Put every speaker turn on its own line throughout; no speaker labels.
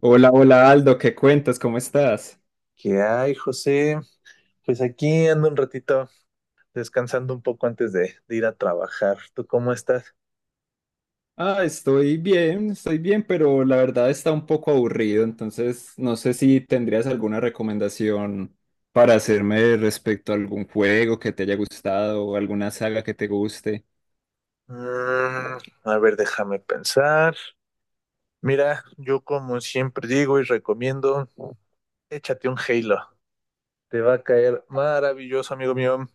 Hola, hola Aldo, ¿qué cuentas? ¿Cómo estás?
¿Qué hay, José? Pues aquí ando un ratito descansando un poco antes de ir a trabajar. ¿Tú cómo estás?
Ah, estoy bien, pero la verdad está un poco aburrido, entonces no sé si tendrías alguna recomendación para hacerme respecto a algún juego que te haya gustado o alguna saga que te guste.
Mm, a ver, déjame pensar. Mira, yo como siempre digo y recomiendo, échate un Halo. Te va a caer maravilloso, amigo mío.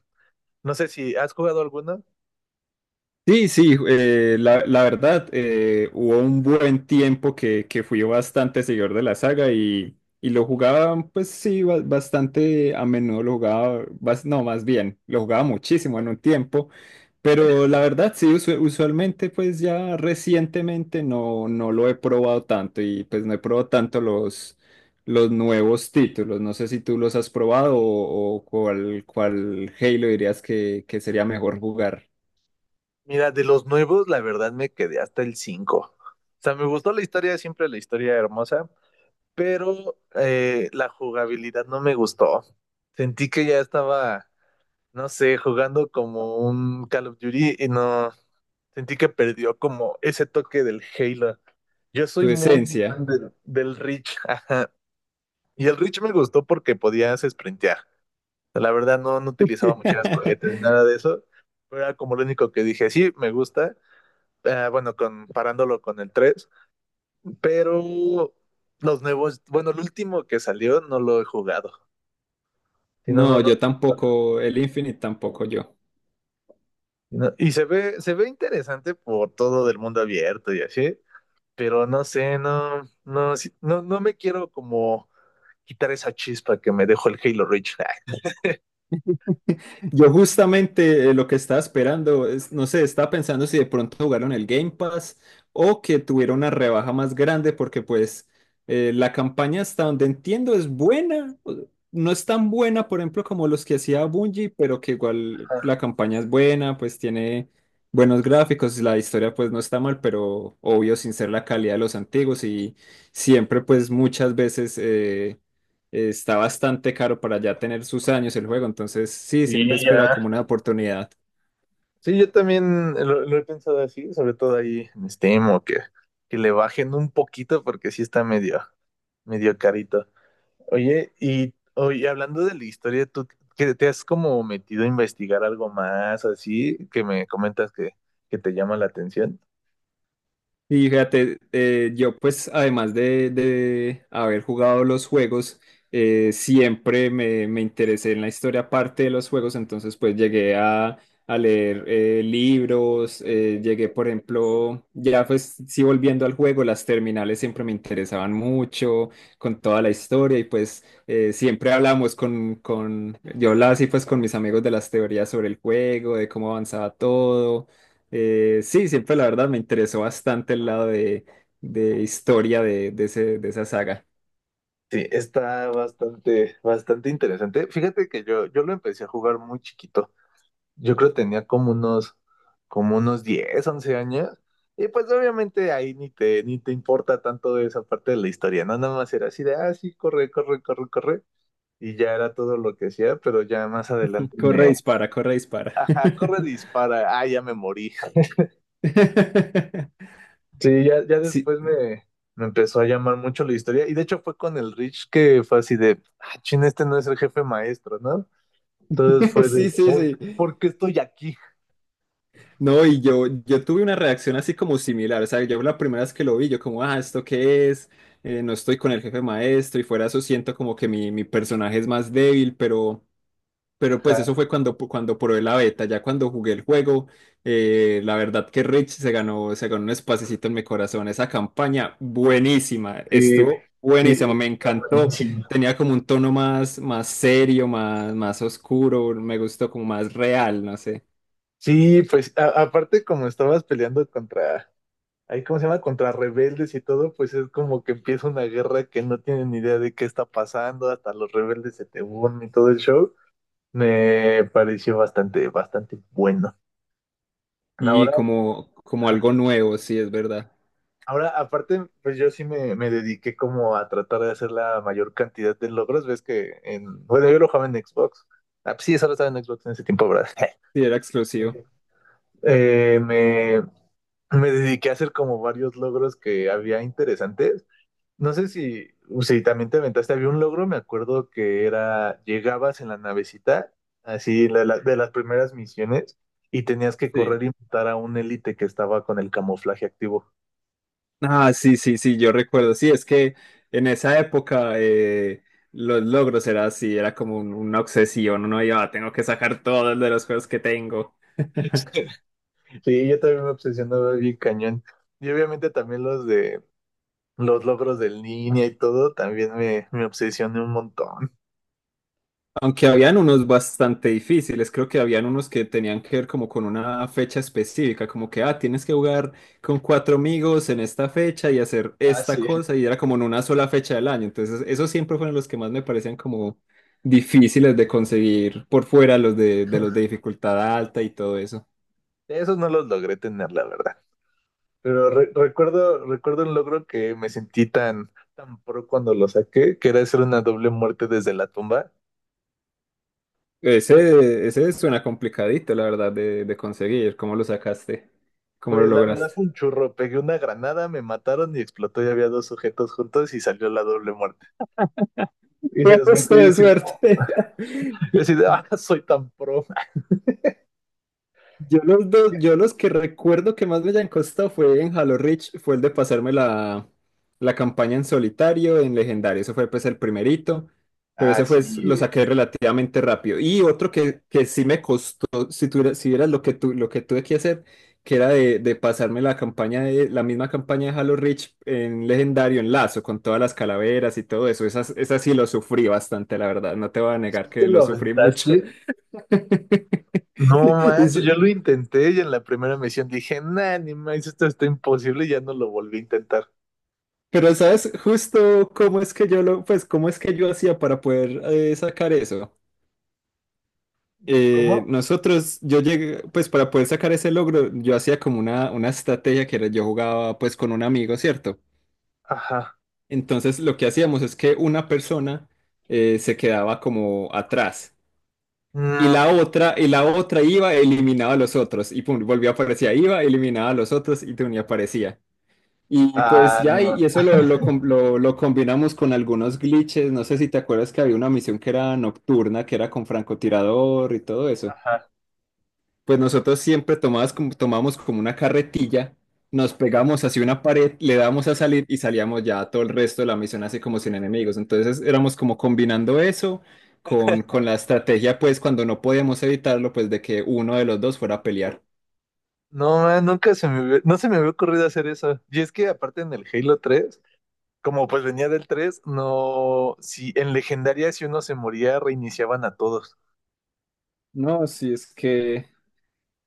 No sé si has jugado alguno.
Sí, sí, la, la verdad, hubo un buen tiempo que fui bastante seguidor de la saga y lo jugaba, pues sí, bastante a menudo lo jugaba, bas- no, más bien, lo jugaba muchísimo en un tiempo, pero la verdad, sí, usualmente, pues ya recientemente no, no lo he probado tanto y pues no he probado tanto los nuevos títulos, no sé si tú los has probado o cuál, cuál Halo dirías que sería mejor jugar,
Mira, de los nuevos, la verdad me quedé hasta el 5. O sea, me gustó la historia, siempre la historia hermosa, pero la jugabilidad no me gustó. Sentí que ya estaba, no sé, jugando como un Call of Duty y no sentí que perdió como ese toque del Halo. Yo
tu
soy muy
esencia.
fan del Reach, ajá. Y el Reach me gustó porque podías sprintear. La verdad no, no utilizaba muchas cohetes ni nada de eso. Pero era como lo único que dije, sí, me gusta. Ah, bueno, comparándolo con el tres. Pero los nuevos, bueno, el último que salió no lo he jugado. Sí, no, no,
No,
no,
yo tampoco, el Infinite tampoco yo.
no. Y se ve interesante por todo del mundo abierto y así, pero no sé, no, no, sí- no, no me quiero como quitar esa chispa que me dejó el Halo Reach.
Yo justamente lo que estaba esperando, es, no sé, estaba pensando si de pronto jugaron el Game Pass o que tuviera una rebaja más grande porque pues la campaña hasta donde entiendo es buena, no es tan buena, por ejemplo, como los que hacía Bungie, pero que igual
Ajá.
la campaña es buena, pues tiene buenos gráficos, la historia pues no está mal, pero obvio sin ser la calidad de los antiguos y siempre pues muchas veces está bastante caro para ya tener sus años el juego, entonces sí, siempre he
Sí,
esperado
ya.
como una oportunidad.
Sí, yo también lo he pensado así, sobre todo ahí en Steam, o que le bajen un poquito porque sí está medio, medio carito. Oye, y oye, hablando de la historia, ¿tú que te has como metido a investigar algo más así que me comentas que te llama la atención?
Y fíjate, yo pues además de haber jugado los juegos, siempre me, me interesé en la historia aparte de los juegos, entonces pues llegué a leer libros, llegué por ejemplo, ya pues sí volviendo al juego, las terminales siempre me interesaban mucho con toda la historia y pues siempre hablamos con, yo hablaba así pues con mis amigos de las teorías sobre el juego, de cómo avanzaba todo sí, siempre la verdad me interesó bastante el lado de historia de, de esa saga.
Sí, está bastante, bastante interesante. Fíjate que yo lo empecé a jugar muy chiquito. Yo creo que tenía como unos 10, 11 años. Y pues obviamente ahí ni te, ni te importa tanto esa parte de la historia, ¿no? Nada más era así de, ah, sí, corre, corre, corre, corre. Y ya era todo lo que hacía, pero ya más adelante
Corre,
me,
dispara, corre, dispara.
ajá, corre, dispara, ah, ya me morí. Sí, ya, ya
Sí,
después me, me empezó a llamar mucho la historia. Y de hecho fue con el Rich que fue así de, ah, chin, este no es el jefe maestro, ¿no? Entonces fue de,
sí, sí, sí.
por qué estoy aquí?
No, y yo tuve una reacción así como similar. O sea, yo la primera vez que lo vi, yo como, ah, ¿esto qué es? No estoy con el jefe maestro y fuera de eso siento como que mi personaje es más débil, pero... Pero pues
Ajá,
eso fue cuando, cuando probé la beta, ya cuando jugué el juego, la verdad que Rich se ganó un espacecito en mi corazón. Esa campaña buenísima,
sí,
estuvo buenísima,
sí,
me encantó.
buenísimo.
Tenía como un tono más, más serio, más, más oscuro, me gustó como más real, no sé.
Sí, pues a- aparte como estabas peleando contra, ahí cómo se llama, contra rebeldes y todo, pues es como que empieza una guerra que no tienen ni idea de qué está pasando, hasta los rebeldes se te unen y todo el show. Me pareció bastante, bastante bueno.
Y
Ahora,
como, como algo nuevo, sí, es verdad.
ahora, aparte, pues yo sí me dediqué como a tratar de hacer la mayor cantidad de logros. Ves que en, bueno, yo lo jugaba en Xbox. Ah, pues sí, solo estaba en Xbox en ese tiempo, ¿verdad?
Sí, era exclusivo.
Eh, me, me dediqué a hacer como varios logros que había interesantes. No sé si, si también te aventaste, había un logro, me acuerdo que era, llegabas en la navecita, así la- la- de las primeras misiones, y tenías que
Sí.
correr y matar a un élite que estaba con el camuflaje activo.
Ah, sí, sí, sí, yo recuerdo. Sí, es que en esa época los logros era así, era como una obsesión. Uno iba, "Ah, tengo que sacar todos de los juegos que tengo.
Sí, yo también me obsesionaba bien cañón. Y obviamente también los de los logros de línea y todo, también me obsesioné un montón.
Aunque habían unos bastante difíciles, creo que habían unos que tenían que ver como con una fecha específica, como que, ah, tienes que jugar con cuatro amigos en esta fecha y hacer
Ah,
esta
sí.
cosa, y era como en una sola fecha del año. Entonces, esos siempre fueron los que más me parecían como difíciles de conseguir por fuera, los de los de dificultad alta y todo eso.
Esos no los logré tener, la verdad. Pero re- recuerdo, recuerdo un logro que me sentí tan, tan pro cuando lo saqué, que era hacer una doble muerte desde la tumba.
Ese suena complicadito, la verdad, de conseguir. ¿Cómo lo sacaste? ¿Cómo lo
Pues la verdad
lograste?
fue un churro, pegué una granada, me mataron y explotó y había dos sujetos juntos y salió la doble muerte. Y se
Fue
los
justo de
así,
suerte.
yo así de, ah, soy tan pro.
Yo los dos, yo los que recuerdo que más me hayan costado fue en Halo Reach, fue el de pasarme la, la campaña en solitario, en legendario, ese fue pues el primerito, pero
Ah,
ese
sí.
fue, lo saqué relativamente rápido. Y otro que sí me costó, si tuviera, si vieras lo que tu, lo que tuve que hacer, que era de pasarme la campaña de, la misma campaña de Halo Reach en legendario, en lazo, con todas las calaveras y todo eso, esas, esas sí lo sufrí bastante, la verdad, no te voy a negar
¿Sí te
que
lo
lo sufrí mucho.
aventaste? No
Y
manches,
s-
yo lo intenté y en la primera misión dije, nah, ni más, esto está imposible y ya no lo volví a intentar.
Pero sabes justo cómo es que yo lo, pues cómo es que yo hacía para poder sacar eso.
¿Cómo?
Yo llegué, pues para poder sacar ese logro, yo hacía como una estrategia que era, yo jugaba pues con un amigo, ¿cierto?
Ajá.
Entonces lo que hacíamos es que una persona se quedaba como atrás
Mm,
y la otra iba, eliminaba a los otros y pum, volvía a aparecer, iba, eliminaba a los otros y pum, y aparecía. Y pues
ah,
ya,
no.
y eso lo, lo combinamos con algunos glitches. No sé si te acuerdas que había una misión que era nocturna, que era con francotirador y todo eso.
Ajá.
Pues nosotros siempre tomamos como una carretilla, nos pegamos hacia una pared, le damos a salir y salíamos ya todo el resto de la misión así como sin enemigos. Entonces éramos como combinando eso con la estrategia, pues cuando no podíamos evitarlo, pues de que uno de los dos fuera a pelear.
No, man, nunca se me hubie- no se me había ocurrido hacer eso. Y es que aparte en el Halo 3, como pues venía del 3, no, si en legendaria si uno se moría, reiniciaban a todos.
No, sí, es que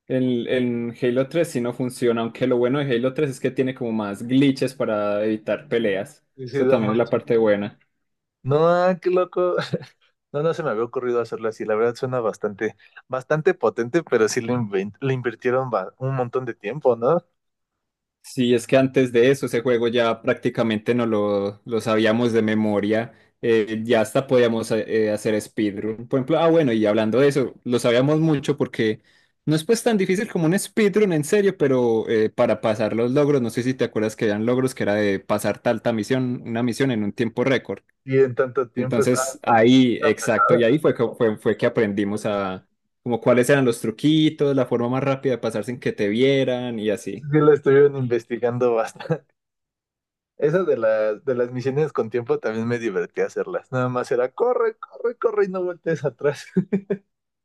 En Halo 3 sí no funciona, aunque lo bueno de Halo 3 es que tiene como más glitches para evitar peleas.
Sí, sí,
Eso
no
también es la
manches.
parte buena.
No, ah, qué loco. No, no se me había ocurrido hacerlo así. La verdad suena bastante, bastante potente, pero sí le, inven- le invirtieron ba- un montón de tiempo, ¿no?
Sí, es que antes de eso ese juego ya prácticamente no lo, lo sabíamos de memoria. Ya hasta podíamos hacer speedrun. Por ejemplo, ah bueno, y hablando de eso, lo sabíamos mucho porque no es pues tan difícil como un speedrun en serio, pero para pasar los logros, no sé si te acuerdas que eran logros que era de pasar tal, tal misión, una misión en un tiempo récord.
Y en tanto tiempo está,
Entonces ahí,
está
exacto, y ahí
pesada.
fue que, fue, fue que aprendimos a como cuáles eran los truquitos, la forma más rápida de pasar sin que te vieran y
Sí,
así.
sí la estuvieron investigando bastante. Esa de las misiones con tiempo también me divertía hacerlas. Nada más era corre, corre, corre y no voltees atrás.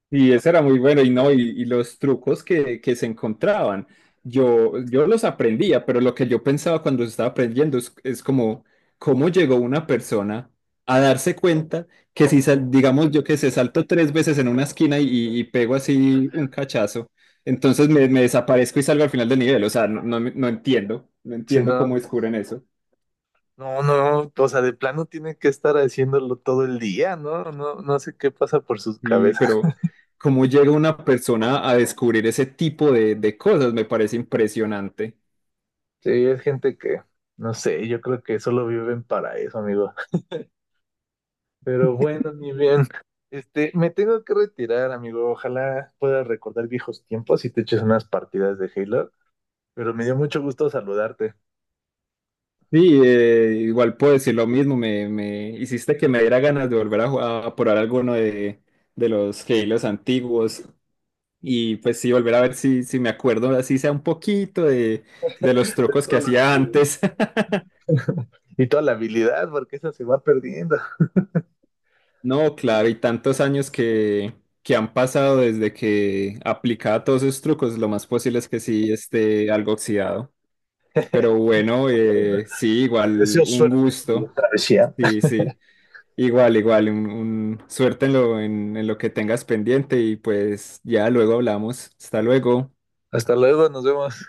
Y eso era muy bueno, y no, y los trucos que se encontraban, yo los aprendía, pero lo que yo pensaba cuando los estaba aprendiendo es como, ¿cómo llegó una persona a darse cuenta que si, digamos, yo que se salto tres veces en una esquina y, y pego así un cachazo, entonces me desaparezco y salgo al final del nivel? O sea, no, no, no entiendo, no
Si
entiendo
no,
cómo descubren eso.
no, no, o sea, de plano tienen que estar haciéndolo todo el día, ¿no? No, no sé qué pasa por sus
Y,
cabezas.
pero, ¿cómo llega una persona a descubrir ese tipo de cosas? Me parece impresionante.
Sí, es gente que, no sé, yo creo que solo viven para eso, amigo. Pero bueno, mi bien, este, me tengo que retirar, amigo. Ojalá puedas recordar viejos tiempos y te eches unas partidas de Halo. Pero me dio mucho gusto saludarte.
Sí, igual puedo decir lo mismo, me hiciste que me diera ganas de volver a, jugar, a probar alguno de los Halos antiguos y pues sí, volver a ver si, si me acuerdo, así sea un poquito de los trucos
Todo
que
lo
hacía
que-
antes.
y toda la habilidad, porque esa se va perdiendo.
No, claro, y tantos años que han pasado desde que aplicaba todos esos trucos, lo más posible es que sí esté algo oxidado. Pero bueno, sí,
Te
igual
deseo
un
suerte en tu
gusto,
travesía.
sí, sí. Igual, igual, suerte en lo que tengas pendiente y pues ya luego hablamos. Hasta luego.
Hasta luego, nos vemos.